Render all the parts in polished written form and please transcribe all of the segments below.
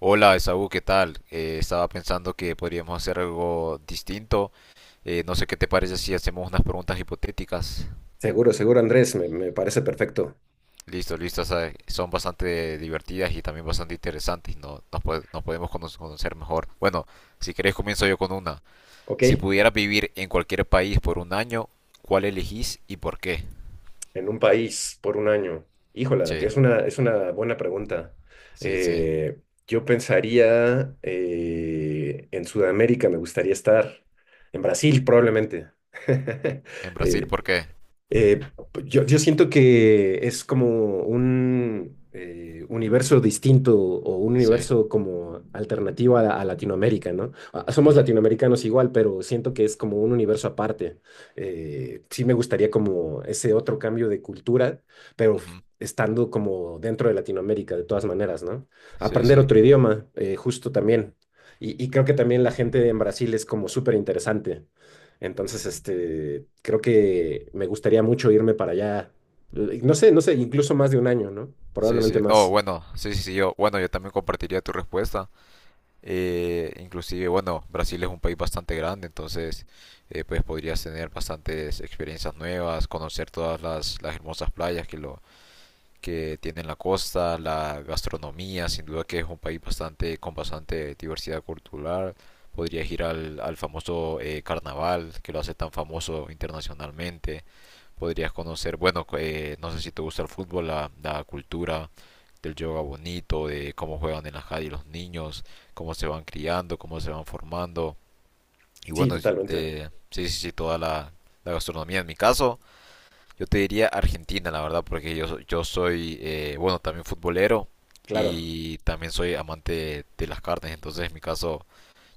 Hola, Esaú, ¿qué tal? Estaba pensando que podríamos hacer algo distinto. No sé qué te parece si hacemos unas preguntas hipotéticas. Seguro, seguro, Andrés, me parece perfecto. Listo, listo. O sea, son bastante divertidas y también bastante interesantes. No, nos podemos conocer mejor. Bueno, si querés comienzo yo con una. Ok, Si pudieras vivir en cualquier país por un año, ¿cuál elegís y por qué? en un país por un año. Híjola, Sí, que es una buena pregunta. sí, sí. Eh, yo pensaría en Sudamérica, me gustaría estar. En Brasil, probablemente. ¿En Brasil Eh, por qué? Eh, yo siento que es como un universo distinto o un Sí. universo como alternativo a, a Latinoamérica, ¿no? Ah, somos Ujú, latinoamericanos igual, pero siento que es como un universo aparte. Sí me gustaría como ese otro cambio de cultura, pero ujú. estando como dentro de Latinoamérica de todas maneras, ¿no? Sí, Aprender sí. otro idioma, justo también. Y creo que también la gente en Brasil es como súper interesante. Entonces, este, creo que me gustaría mucho irme para allá. No sé, incluso más de un año, ¿no? Sí, Probablemente sí. No, más. bueno, sí, sí, sí, yo. Bueno, yo también compartiría tu respuesta. Inclusive, bueno, Brasil es un país bastante grande, entonces pues podrías tener bastantes experiencias nuevas, conocer todas las hermosas playas que lo que tiene la costa, la gastronomía, sin duda que es un país bastante con bastante diversidad cultural. Podrías ir al famoso carnaval que lo hace tan famoso internacionalmente, podrías conocer, bueno, no sé si te gusta el fútbol, la cultura del yoga bonito, de cómo juegan en la calle los niños, cómo se van criando, cómo se van formando. Y Sí, bueno, totalmente. este, sí, sí, sí, toda la gastronomía. En mi caso, yo te diría Argentina, la verdad, porque yo soy, bueno, también futbolero Claro. y también soy amante de las carnes. Entonces, en mi caso,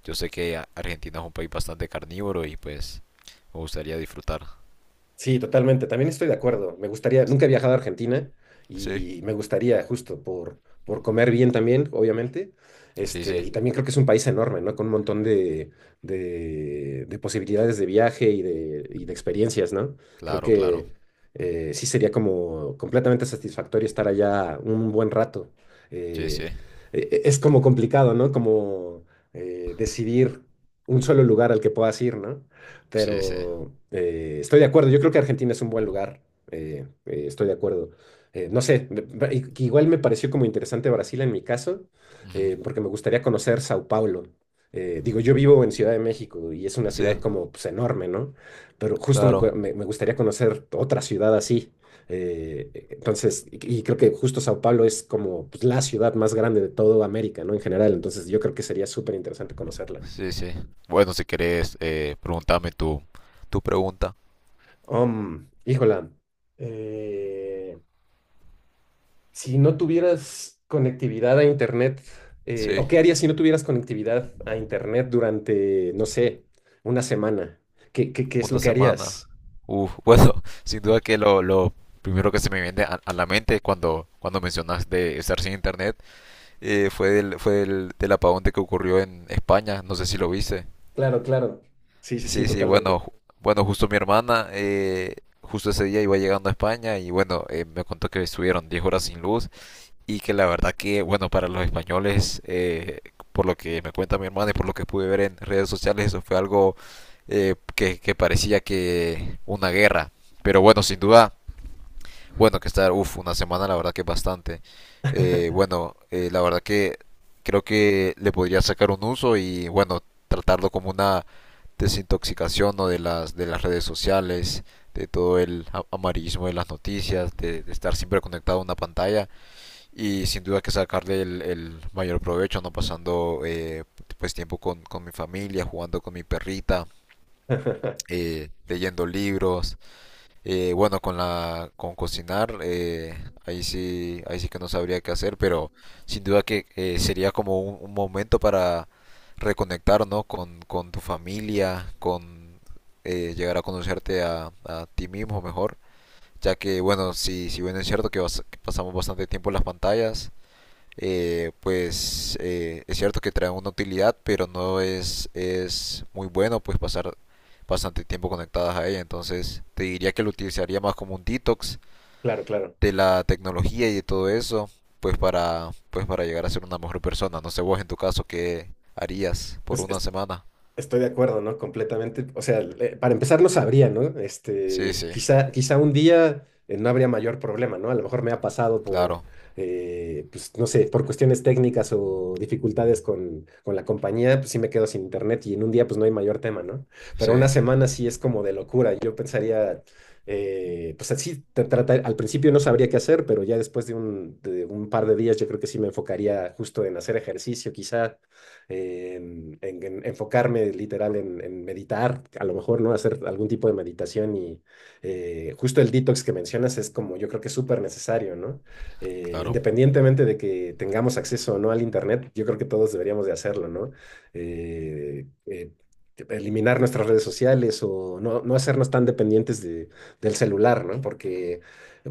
yo sé que Argentina es un país bastante carnívoro y pues me gustaría disfrutar. Sí, totalmente. También estoy de acuerdo. Me gustaría, nunca he viajado a Argentina Sí, y me gustaría justo por comer bien también, obviamente. sí, Este, sí, y también creo que es un país enorme, ¿no? Con un montón de posibilidades de viaje y de experiencias, ¿no? Creo claro, claro. que sí sería como completamente satisfactorio estar allá un buen rato. Sí, sí, Eh, es como complicado, ¿no? Como decidir un solo lugar al que puedas ir, ¿no? sí, sí. Pero estoy de acuerdo. Yo creo que Argentina es un buen lugar. Estoy de acuerdo. No sé, que igual me pareció como interesante Brasil en mi caso, Ujú. Porque me gustaría conocer Sao Paulo. Digo, yo vivo en Ciudad de México y es una Sí, ciudad como pues, enorme, ¿no? Pero justo claro. Me gustaría conocer otra ciudad así. Entonces, y creo que justo Sao Paulo es como pues, la ciudad más grande de toda América, ¿no? En general, entonces yo creo que sería súper interesante conocerla. Sí, sí. Bueno, si querés, preguntame tu pregunta. Híjola, eh, si no tuvieras conectividad a Internet, ¿o Sí, qué harías si no tuvieras conectividad a Internet durante, no sé, una semana? ¿Qué es lo una que semana. harías? Uf, bueno, sin duda que lo primero que se me viene a la mente cuando mencionas de estar sin internet fue del apagón de que ocurrió en España. No sé si lo viste. Claro, claro. Sí, sí, sí, Sí, sí, bueno, totalmente. Bueno, justo mi hermana, justo ese día iba llegando a España y bueno, me contó que estuvieron 10 horas sin luz y que la verdad que, bueno, para los españoles, por lo que me cuenta mi hermana y por lo que pude ver en redes sociales, eso fue algo que, parecía que una guerra. Pero bueno, sin duda, bueno, que estar, uff, una semana la verdad que es bastante. Bueno, la verdad que creo que le podría sacar un uso y bueno, tratarlo como una desintoxicación o ¿no? de las redes sociales, de todo el amarillismo de las noticias, de estar siempre conectado a una pantalla y sin duda que sacarle el mayor provecho, no pasando pues tiempo con mi familia, jugando con mi perrita, leyendo libros, bueno, con la con cocinar, ahí sí que no sabría qué hacer, pero sin duda que sería como un momento para reconectar, ¿no? Con tu familia, con llegar a conocerte a ti mismo mejor, ya que bueno, si bien es cierto que, que pasamos bastante tiempo en las pantallas, pues es cierto que trae una utilidad, pero no es muy bueno pues pasar bastante tiempo conectadas a ella. Entonces te diría que lo utilizaría más como un detox Claro, claro. de la tecnología y de todo eso, pues para, pues para llegar a ser una mejor persona. No sé vos en tu caso qué harías por Pues una semana. estoy de acuerdo, ¿no? Completamente. O sea, para empezar no sabría, ¿no? Sí, Este, sí, quizá, quizá un día no habría mayor problema, ¿no? A lo mejor me ha pasado por, claro, pues, no sé, por cuestiones técnicas o dificultades con la compañía, pues sí me quedo sin internet y en un día pues no hay mayor tema, ¿no? Pero sí, una semana sí es como de locura. Yo pensaría, pues así, al principio no sabría qué hacer, pero ya después de un par de días yo creo que sí me enfocaría justo en hacer ejercicio, quizá enfocarme literal en meditar, a lo mejor, ¿no? Hacer algún tipo de meditación y justo el detox que mencionas es como yo creo que es súper necesario, ¿no? Claro, Independientemente de que tengamos acceso o no al internet, yo creo que todos deberíamos de hacerlo, ¿no? Eh, eh, Eliminar nuestras redes sociales o no, no hacernos tan dependientes de, del celular, ¿no? Porque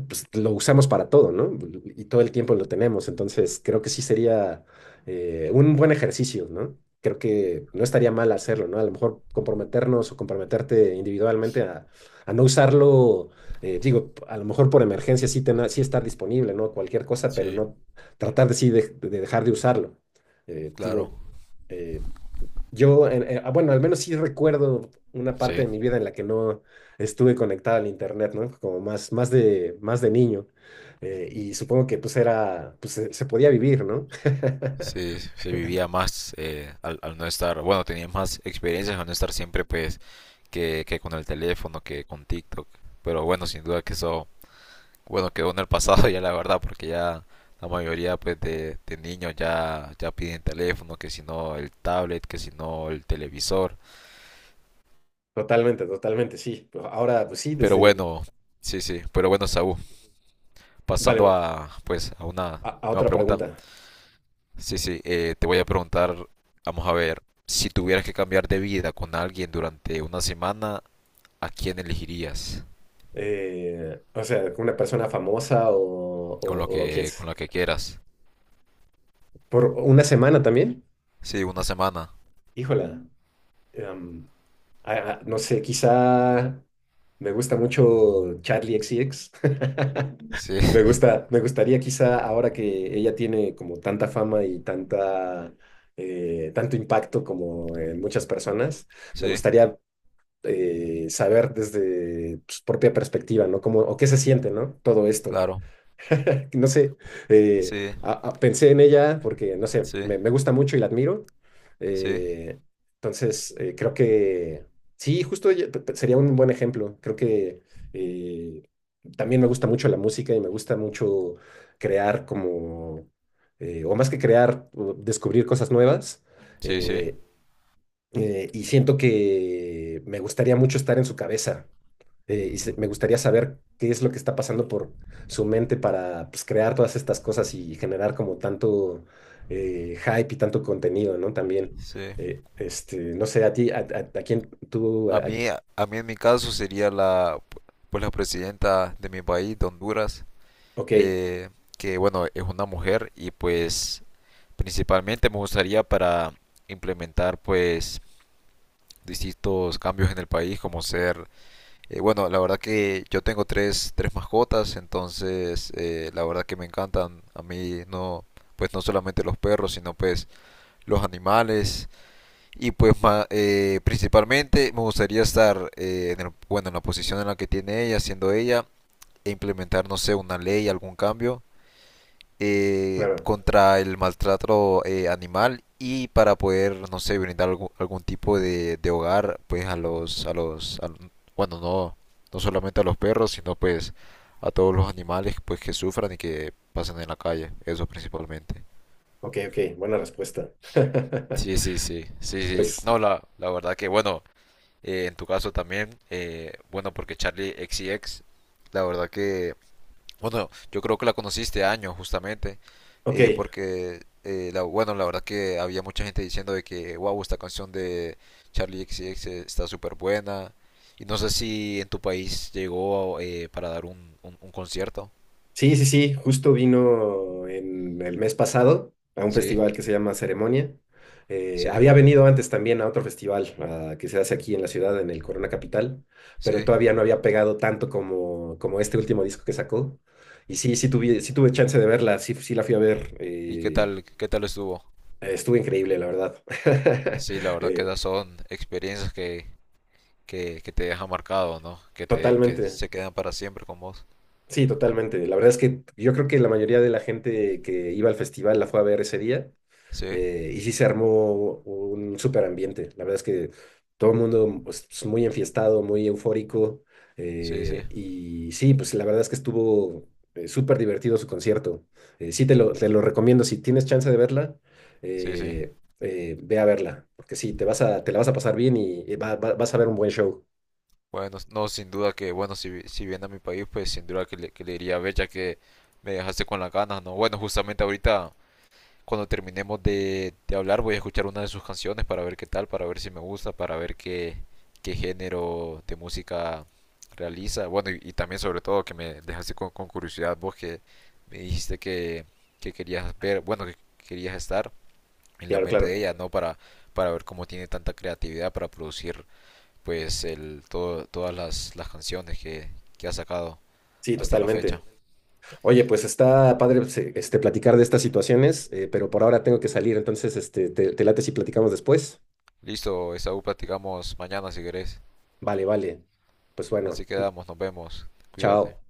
pues, lo usamos para todo, ¿no? Y todo el tiempo lo tenemos. Entonces, creo que sí sería un buen ejercicio, ¿no? Creo que no estaría mal hacerlo, ¿no? A lo mejor comprometernos o comprometerte individualmente a no usarlo, digo, a lo mejor por emergencia sí, sí estar disponible, ¿no? Cualquier cosa, pero sí, no tratar de sí de dejar de usarlo. Claro, Digo, eh, ah, bueno, al menos sí recuerdo una parte sí. de mi vida en la que no estuve conectado al internet, ¿no? Como más, más de niño. Y supongo que pues era, pues se podía vivir, ¿no? Sí, se vivía más al no estar, bueno, tenías más experiencias al no estar siempre pues que con el teléfono, que con TikTok. Pero bueno, sin duda que eso, bueno, quedó en el pasado ya la verdad, porque ya la mayoría pues de niños ya piden teléfono, que si no el tablet, que si no el televisor. Totalmente, totalmente, sí. Pues ahora, pues sí, Pero desde... bueno, sí, sí, pero bueno, Saúl, pasando Vale, a pues a una a nueva otra pregunta. pregunta. Sí, sí, te voy a preguntar, vamos a ver, si tuvieras que cambiar de vida con alguien durante una semana, ¿a quién elegirías? O sea, ¿una persona famosa Con lo o quién que, con es? lo que quieras. ¿Por una semana también? Sí, una semana. Híjola. em, no sé, quizá me gusta mucho Charlie XCX. Sí, Me gusta, me gustaría quizá ahora que ella tiene como tanta fama y tanta, tanto impacto como en muchas personas, me sí, gustaría saber desde su propia perspectiva, ¿no? Como, o qué se siente, ¿no? Todo esto. claro. No sé, eh, Sí, pensé en ella porque, no sé, sí, me gusta mucho y la admiro. sí, Eh, entonces, creo que, sí, justo ella- pe- pe- sería un buen ejemplo. Creo que eh, también me gusta mucho la música y me gusta mucho crear como, o más que crear, o descubrir cosas nuevas. sí, sí. Eh, y siento que me gustaría mucho estar en su cabeza me gustaría saber qué es lo que está pasando por su mente para pues, crear todas estas cosas y generar como tanto hype y tanto contenido, ¿no? También, Sí. Este, no sé, a ti, a quién tú, A a- mí en mi caso sería pues la presidenta de mi país, de Honduras, ok, eh, que bueno, es una mujer y pues principalmente me gustaría para implementar pues distintos cambios en el país, como ser, bueno, la verdad que yo tengo tres mascotas, entonces la verdad que me encantan a mí no, pues no solamente los perros, sino pues los animales. Y pues principalmente me gustaría estar bueno, en la posición en la que tiene ella, siendo ella, e implementar, no sé, una ley, algún cambio claro, contra el maltrato animal y para poder, no sé, brindar algún tipo de hogar, pues a los, bueno, no, no solamente a los perros, sino pues a todos los animales pues que sufran y que pasen en la calle, eso principalmente. ok, ok, buena respuesta. Sí, sí, sí, sí, sí. Pues, No, la verdad que bueno. En tu caso también, bueno, porque Charlie XCX la verdad que, bueno, yo creo que la conociste años justamente, ok, porque, bueno, la verdad que había mucha gente diciendo de que, wow, esta canción de Charlie XCX está súper buena, y no sé si en tu país llegó para dar un concierto. sí, sí, sí, justo vino en el mes pasado a un Sí, festival que se llama Ceremonia. Sí, Había venido antes también a otro festival ah, que se hace aquí en la ciudad, en el Corona Capital, pero sí. todavía no había pegado tanto como, como este último disco que sacó. Y sí, sí tuve chance de verla, sí, sí la fui a ver. ¿Y qué tal estuvo? Estuvo increíble, la verdad. Sí, la verdad que Eh, esas son experiencias que te deja marcado, ¿no? Que totalmente, se quedan para siempre con vos. sí, totalmente. La verdad es que yo creo que la mayoría de la gente que iba al festival la fue a ver ese día. Sí, Eh, y sí se armó un súper ambiente. La verdad es que todo el mundo pues, es muy enfiestado, muy eufórico. sí, sí, Eh, y sí, pues la verdad es que estuvo súper divertido su concierto. Sí, te lo recomiendo. Si tienes chance de verla, sí, sí. eh, ve a verla. Porque sí, te la vas a pasar bien y, vas a ver un buen show. Bueno, no, sin duda que, bueno, si viene a mi país, pues sin duda que le diría a Bella que me dejaste con las ganas, ¿no? Bueno, justamente ahorita, cuando terminemos de hablar, voy a escuchar una de sus canciones para ver qué tal, para ver si me gusta, para ver qué género de música realiza. Bueno, y también sobre todo que me dejaste con curiosidad vos que me dijiste que, querías ver, bueno, que querías estar en la Claro, mente claro. de ella, ¿no? Para ver cómo tiene tanta creatividad para producir pues todas las canciones que ha sacado Sí, hasta la fecha. totalmente. Oye, pues está padre pues, este, platicar de estas situaciones, pero por ahora tengo que salir, entonces este, te late si platicamos después. Listo, Esaú, platicamos mañana si querés. Vale, vale. Pues bueno, Así quedamos, nos vemos. Cuídate. chao.